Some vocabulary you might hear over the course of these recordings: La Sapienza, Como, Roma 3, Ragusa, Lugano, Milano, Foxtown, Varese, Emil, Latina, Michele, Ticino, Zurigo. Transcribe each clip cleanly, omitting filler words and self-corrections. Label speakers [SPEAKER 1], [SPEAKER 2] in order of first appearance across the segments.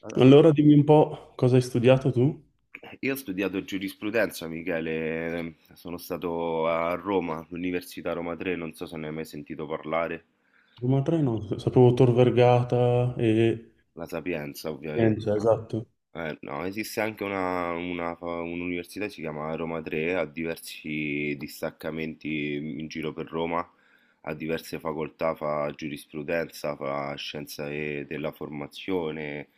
[SPEAKER 1] Allora,
[SPEAKER 2] Allora dimmi un po' cosa hai studiato tu?
[SPEAKER 1] io ho studiato giurisprudenza, Michele, sono stato a Roma, all'Università Roma 3, non so se ne hai mai sentito parlare.
[SPEAKER 2] Roma 3 no, sapevo Tor Vergata e
[SPEAKER 1] La Sapienza ovviamente.
[SPEAKER 2] Pienza, esatto.
[SPEAKER 1] No, esiste anche un'università, si chiama Roma 3, ha diversi distaccamenti in giro per Roma, ha diverse facoltà, fa giurisprudenza, fa scienza della formazione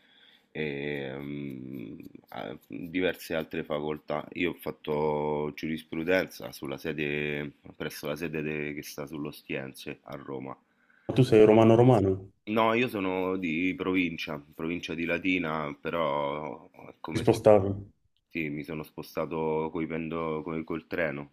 [SPEAKER 1] e ha diverse altre facoltà. Io ho fatto giurisprudenza sulla sede, presso la sede che sta sull'Ostiense a Roma.
[SPEAKER 2] Ma tu sei romano-romano,
[SPEAKER 1] No, io sono di provincia, provincia di Latina, però è
[SPEAKER 2] ti
[SPEAKER 1] come se
[SPEAKER 2] spostavi.
[SPEAKER 1] sì, mi sono spostato col treno.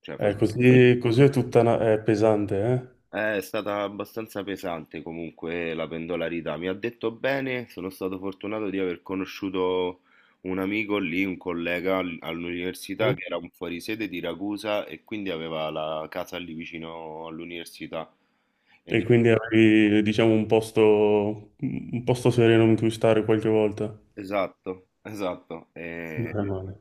[SPEAKER 1] Cioè, facevo-
[SPEAKER 2] Così, è tutta una- è pesante,
[SPEAKER 1] È stata abbastanza pesante comunque la pendolarità. Mi ha detto bene, sono stato fortunato di aver conosciuto un amico lì, un collega all'università che era un fuorisede di Ragusa e quindi aveva la casa lì vicino all'università. E
[SPEAKER 2] eh? E
[SPEAKER 1] dic-
[SPEAKER 2] quindi avevi, diciamo, un posto sereno in cui stare qualche volta.
[SPEAKER 1] Esatto, esatto. E.
[SPEAKER 2] Non è male.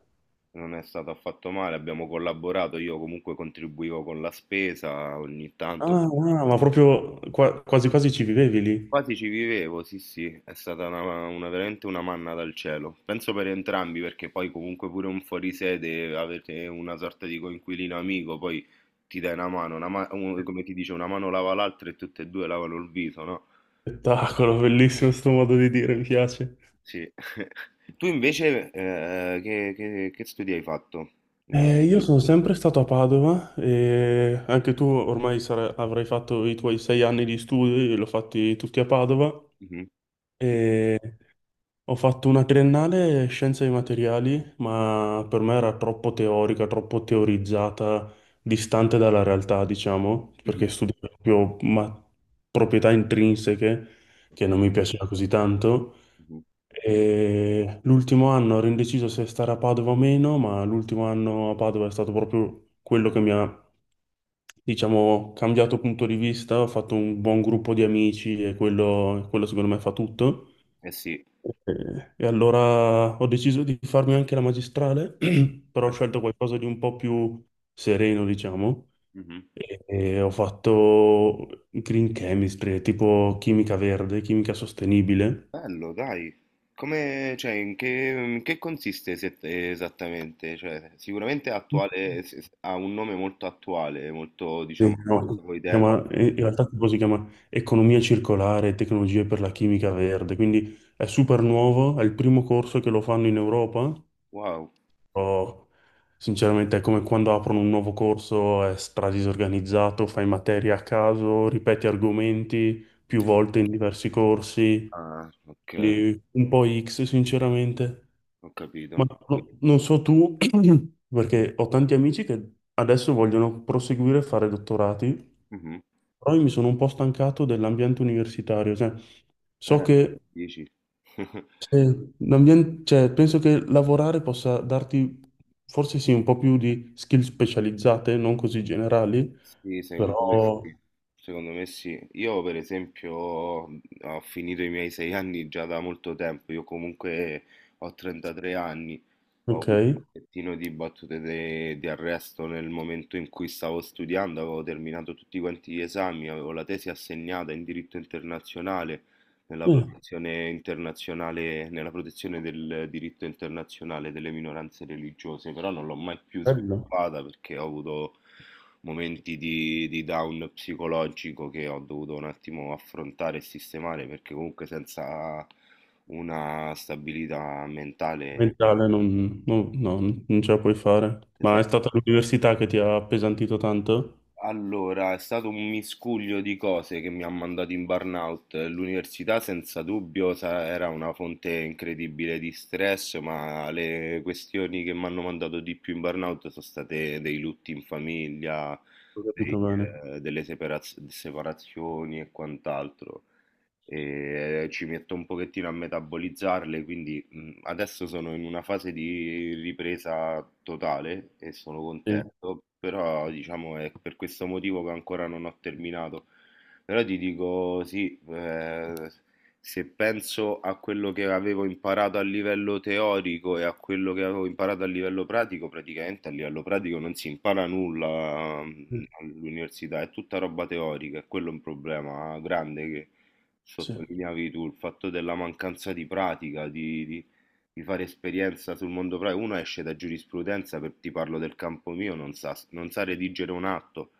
[SPEAKER 1] Non è stato affatto male, abbiamo collaborato, io comunque contribuivo con la spesa ogni tanto,
[SPEAKER 2] Ah, ah, ma proprio qua- quasi quasi ci vivevi lì.
[SPEAKER 1] quasi ci vivevo, sì, sì, è stata veramente una manna dal cielo. Penso per entrambi perché poi comunque pure un fuorisede, avete una sorta di coinquilino amico, poi ti dai una mano, come ti dice, una mano lava l'altra e tutte e due lavano il viso, no?
[SPEAKER 2] Spettacolo, bellissimo sto modo di dire, mi piace.
[SPEAKER 1] Sì. Tu invece che studi hai fatto? Mi-
[SPEAKER 2] Io sono sempre stato a Padova e anche tu ormai sarai- avrai fatto i tuoi sei anni di studi, l'ho fatti tutti a Padova
[SPEAKER 1] Mhm. Sì, sì.
[SPEAKER 2] e ho fatto una triennale scienze dei materiali, ma per me era troppo teorica, troppo teorizzata, distante dalla realtà, diciamo,
[SPEAKER 1] Mhm.
[SPEAKER 2] perché studiavo proprio ma- proprietà intrinseche che
[SPEAKER 1] Ok,
[SPEAKER 2] non mi piaceva così tanto.
[SPEAKER 1] mhm.
[SPEAKER 2] E l'ultimo anno ero indeciso se stare a Padova o meno, ma l'ultimo anno a Padova è stato proprio quello che mi ha, diciamo, cambiato punto di vista. Ho fatto un buon gruppo di amici e quello secondo me fa tutto.
[SPEAKER 1] Eh sì.
[SPEAKER 2] E allora ho deciso di farmi anche la magistrale, però ho
[SPEAKER 1] Bra-
[SPEAKER 2] scelto qualcosa di un po' più sereno, diciamo.
[SPEAKER 1] mhm.
[SPEAKER 2] E ho fatto green chemistry, tipo chimica verde, chimica sostenibile.
[SPEAKER 1] Bello, dai. Come, cioè, in che consiste esattamente? Cioè, sicuramente è attuale, ha un nome molto attuale, molto,
[SPEAKER 2] Sì.
[SPEAKER 1] diciamo, al passo
[SPEAKER 2] No,
[SPEAKER 1] coi
[SPEAKER 2] si
[SPEAKER 1] tempi.
[SPEAKER 2] chiama- in realtà tipo si chiama Economia circolare e tecnologie per la chimica verde, quindi è super nuovo, è il primo corso che lo fanno in Europa,
[SPEAKER 1] Wow.
[SPEAKER 2] però sinceramente è come quando aprono un nuovo corso, è stradisorganizzato, fai materia a caso, ripeti argomenti più volte in diversi corsi,
[SPEAKER 1] Ah, ok,
[SPEAKER 2] quindi un po' X sinceramente.
[SPEAKER 1] ho
[SPEAKER 2] Ma
[SPEAKER 1] capito.
[SPEAKER 2] no- non so tu, perché ho tanti amici che adesso vogliono proseguire a fare dottorati,
[SPEAKER 1] Mhm.
[SPEAKER 2] però io mi sono un po' stancato dell'ambiente universitario, cioè so
[SPEAKER 1] Eh,
[SPEAKER 2] che
[SPEAKER 1] dici.
[SPEAKER 2] se l'ambien- cioè, penso che lavorare possa darti forse sì un po' più di skill specializzate, non così generali,
[SPEAKER 1] Sì, secondo me
[SPEAKER 2] però
[SPEAKER 1] sì. Secondo me sì. Io per esempio ho finito i miei sei anni già da molto tempo, io comunque ho 33 anni, ho
[SPEAKER 2] ok.
[SPEAKER 1] avuto un pochettino di battute di arresto nel momento in cui stavo studiando, avevo terminato tutti quanti gli esami, avevo la tesi assegnata in diritto internazionale, nella protezione del diritto internazionale delle minoranze religiose, però non l'ho mai più
[SPEAKER 2] Bello,
[SPEAKER 1] sviluppata perché ho avuto momenti di down psicologico che ho dovuto un attimo affrontare e sistemare perché comunque senza una stabilità mentale.
[SPEAKER 2] mentale non, non- no, non ce la puoi fare, ma
[SPEAKER 1] Esa-
[SPEAKER 2] è stata l'università che ti ha appesantito tanto?
[SPEAKER 1] Allora, è stato un miscuglio di cose che mi ha mandato in burnout. L'università senza dubbio era una fonte incredibile di stress, ma le questioni che mi hanno mandato di più in burnout sono state dei lutti in famiglia,
[SPEAKER 2] Ho
[SPEAKER 1] dei,
[SPEAKER 2] capito bene.
[SPEAKER 1] delle separazioni e quant'altro. E ci metto un pochettino a metabolizzarle, quindi adesso sono in una fase di ripresa totale e sono
[SPEAKER 2] Sì,
[SPEAKER 1] contento, però diciamo è per questo motivo che ancora non ho terminato. Però ti dico sì, se penso a quello che avevo imparato a livello teorico e a quello che avevo imparato a livello pratico, praticamente a livello pratico non si impara nulla all'università, è tutta roba teorica, è quello un problema grande che
[SPEAKER 2] sì,
[SPEAKER 1] sottolineavi tu, il fatto della mancanza di pratica, di fare esperienza sul mondo pratico. Uno esce da giurisprudenza, per, ti parlo del campo mio, non sa, non sa redigere un atto,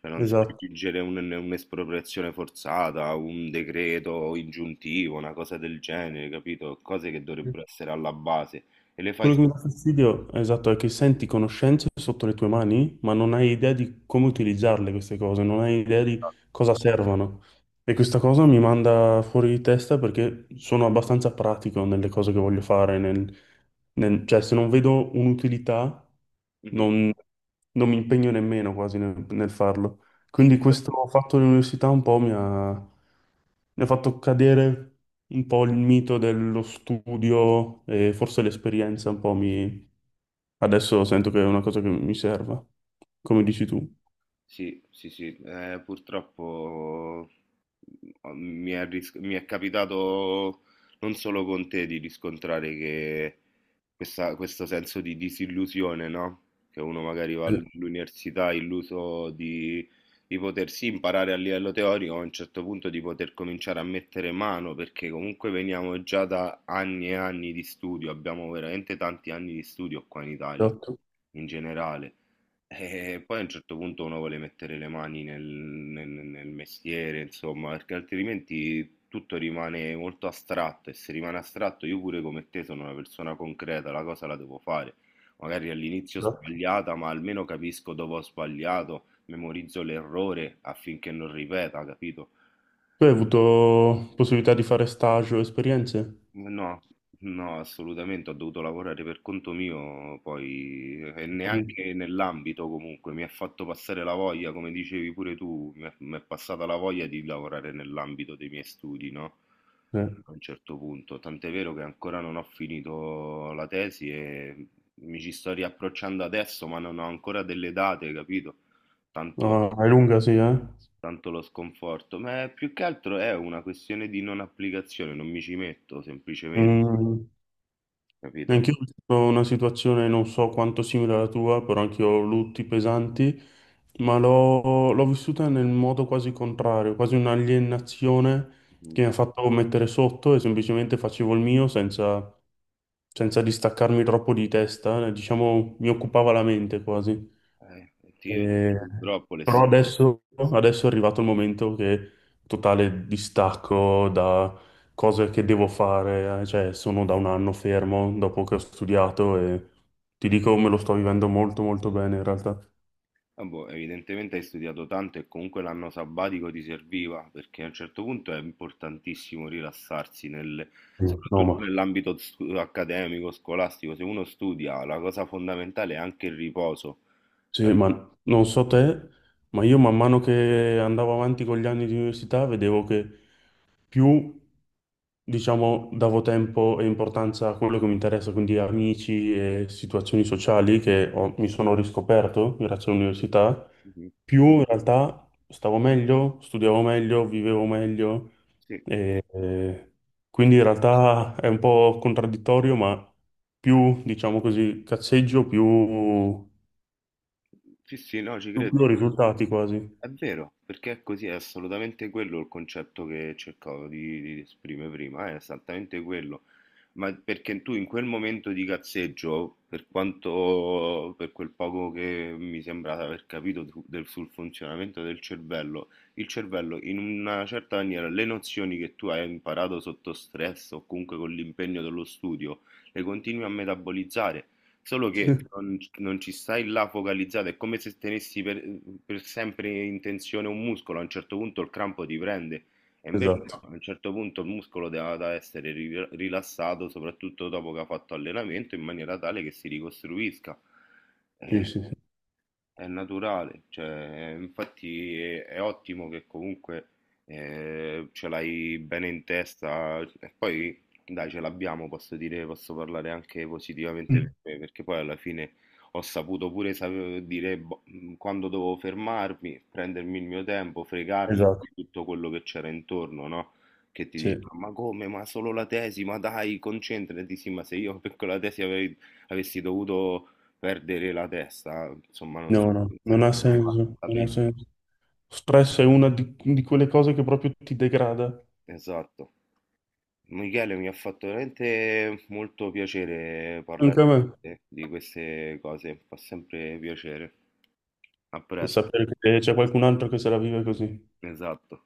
[SPEAKER 1] cioè non sa
[SPEAKER 2] esatto.
[SPEAKER 1] redigere un'espropriazione forzata, un decreto ingiuntivo, una cosa del genere, capito? Cose che dovrebbero essere alla base. E le fai.
[SPEAKER 2] Quello che mi dà fastidio, esatto, è che senti conoscenze sotto le tue mani, ma non hai idea di come utilizzarle queste cose, non hai idea di cosa servono. E questa cosa mi manda fuori di testa perché sono abbastanza pratico nelle cose che voglio fare, nel- nel- cioè se non vedo un'utilità
[SPEAKER 1] Mhm.
[SPEAKER 2] non, non mi impegno nemmeno quasi nel farlo.
[SPEAKER 1] Sì,
[SPEAKER 2] Quindi questo fatto dell'università un po' mi ha fatto cadere un po' il mito dello studio e forse l'esperienza un po' mi... Adesso sento che è una cosa che mi serva, come dici tu.
[SPEAKER 1] sì, sì, sì, purtroppo mi è capitato non solo con te di riscontrare che questo senso di disillusione, no? Che uno magari va
[SPEAKER 2] Eh,
[SPEAKER 1] all'università illuso di potersi imparare a livello teorico, a un certo punto di poter cominciare a mettere mano, perché comunque veniamo già da anni e anni di studio, abbiamo veramente tanti anni di studio qua in Italia
[SPEAKER 2] Esatto,
[SPEAKER 1] in generale. E poi a un certo punto uno vuole mettere le mani nel mestiere, insomma, perché altrimenti tutto rimane molto astratto e se rimane astratto io pure come te sono una persona concreta, la cosa la devo fare. Magari all'inizio
[SPEAKER 2] esatto.
[SPEAKER 1] sbagliata, ma almeno capisco dove ho sbagliato, memorizzo l'errore affinché non ripeta, capito?
[SPEAKER 2] Tu hai avuto possibilità di fare stage o esperienze?
[SPEAKER 1] No, no, assolutamente, ho dovuto lavorare per conto mio, poi e
[SPEAKER 2] Ho capito.
[SPEAKER 1] neanche nell'ambito comunque, mi ha fatto passare la voglia, come dicevi pure tu, mi è passata la voglia di lavorare nell'ambito dei miei studi, no?
[SPEAKER 2] Sì.
[SPEAKER 1] A un certo punto, tant'è vero che ancora non ho finito la tesi e mi ci sto riapprocciando adesso, ma non ho ancora delle date, capito? Tanto,
[SPEAKER 2] Ah, è lunga, sì, eh?
[SPEAKER 1] tanto lo sconforto, ma più che altro è una questione di non applicazione, non mi ci metto semplicemente.
[SPEAKER 2] Mm.
[SPEAKER 1] Capito?
[SPEAKER 2] Anch'io ho vissuto una situazione non so quanto simile alla tua, però anch'io ho lutti pesanti, ma l'ho vissuta nel modo quasi contrario, quasi un'alienazione
[SPEAKER 1] Mh-mh.
[SPEAKER 2] che mi ha fatto mettere sotto e semplicemente facevo il mio senza, senza distaccarmi troppo di testa, diciamo mi occupava la mente quasi.
[SPEAKER 1] Eh, ti Io
[SPEAKER 2] Eh,
[SPEAKER 1] purtroppo le s.
[SPEAKER 2] però adesso, adesso è arrivato il momento che totale distacco da cose che devo fare, cioè sono da un anno fermo dopo che ho studiato e ti dico me lo sto vivendo molto molto bene in realtà.
[SPEAKER 1] Ah, boh, evidentemente hai studiato tanto e comunque l'anno sabbatico ti serviva, perché a un certo punto è importantissimo rilassarsi nel
[SPEAKER 2] Mm. No, ma,
[SPEAKER 1] soprattutto nell'ambito stu accademico, scolastico. Se uno studia, la cosa fondamentale è anche il riposo.
[SPEAKER 2] sì,
[SPEAKER 1] Eh,
[SPEAKER 2] ma non so te, ma io man mano che andavo avanti con gli anni di università vedevo che più, diciamo, davo tempo e importanza a quello che mi interessa, quindi amici e situazioni sociali che ho- mi sono riscoperto grazie all'università,
[SPEAKER 1] mh-mh.
[SPEAKER 2] più in realtà stavo meglio, studiavo meglio, vivevo meglio,
[SPEAKER 1] Sì,
[SPEAKER 2] e quindi in realtà è un po' contraddittorio, ma più, diciamo così, cazzeggio,
[SPEAKER 1] sì, sì, no, ci credo.
[SPEAKER 2] più risultati quasi.
[SPEAKER 1] È vero, perché è così, è assolutamente quello il concetto che cercavo di esprimere prima, è esattamente quello. Ma perché tu in quel momento di cazzeggio, per quanto, per quel poco che mi sembra di aver capito sul funzionamento del cervello, il cervello in una certa maniera le nozioni che tu hai imparato sotto stress o comunque con l'impegno dello studio, le continui a metabolizzare. Solo che non ci stai là focalizzato, è come se tenessi per sempre in tensione un muscolo, a un certo punto il crampo ti prende e invece no,
[SPEAKER 2] Esatto,
[SPEAKER 1] a un certo punto il muscolo deve da essere ri rilassato, soprattutto dopo che ha fatto allenamento, in maniera tale che si ricostruisca.
[SPEAKER 2] sì,
[SPEAKER 1] Eh
[SPEAKER 2] sì, sì.
[SPEAKER 1] è naturale, cioè, infatti è ottimo che comunque ce l'hai bene in testa e poi dai, ce l'abbiamo, posso dire, posso parlare anche positivamente
[SPEAKER 2] Mm.
[SPEAKER 1] per me, perché poi alla fine ho saputo pure dire boh, quando dovevo fermarmi, prendermi il mio tempo, fregarmi
[SPEAKER 2] Esatto,
[SPEAKER 1] di tutto quello che c'era intorno, no? Che ti
[SPEAKER 2] sì.
[SPEAKER 1] dicevano, ma come, ma solo la tesi, ma dai, concentrati, sì, ma se io per quella tesi avessi dovuto perdere la testa, insomma,
[SPEAKER 2] No, no,
[SPEAKER 1] non
[SPEAKER 2] non
[SPEAKER 1] sarebbe
[SPEAKER 2] ha
[SPEAKER 1] mai valsa
[SPEAKER 2] senso,
[SPEAKER 1] la
[SPEAKER 2] non ha
[SPEAKER 1] pena.
[SPEAKER 2] senso. Stress è una di quelle cose che proprio ti degrada.
[SPEAKER 1] Esatto. Michele, mi ha fatto veramente molto piacere parlare
[SPEAKER 2] Anche a
[SPEAKER 1] con
[SPEAKER 2] me.
[SPEAKER 1] te di queste cose, fa sempre piacere. A
[SPEAKER 2] E
[SPEAKER 1] presto.
[SPEAKER 2] sapere che c'è qualcun altro che se la vive così.
[SPEAKER 1] Esatto.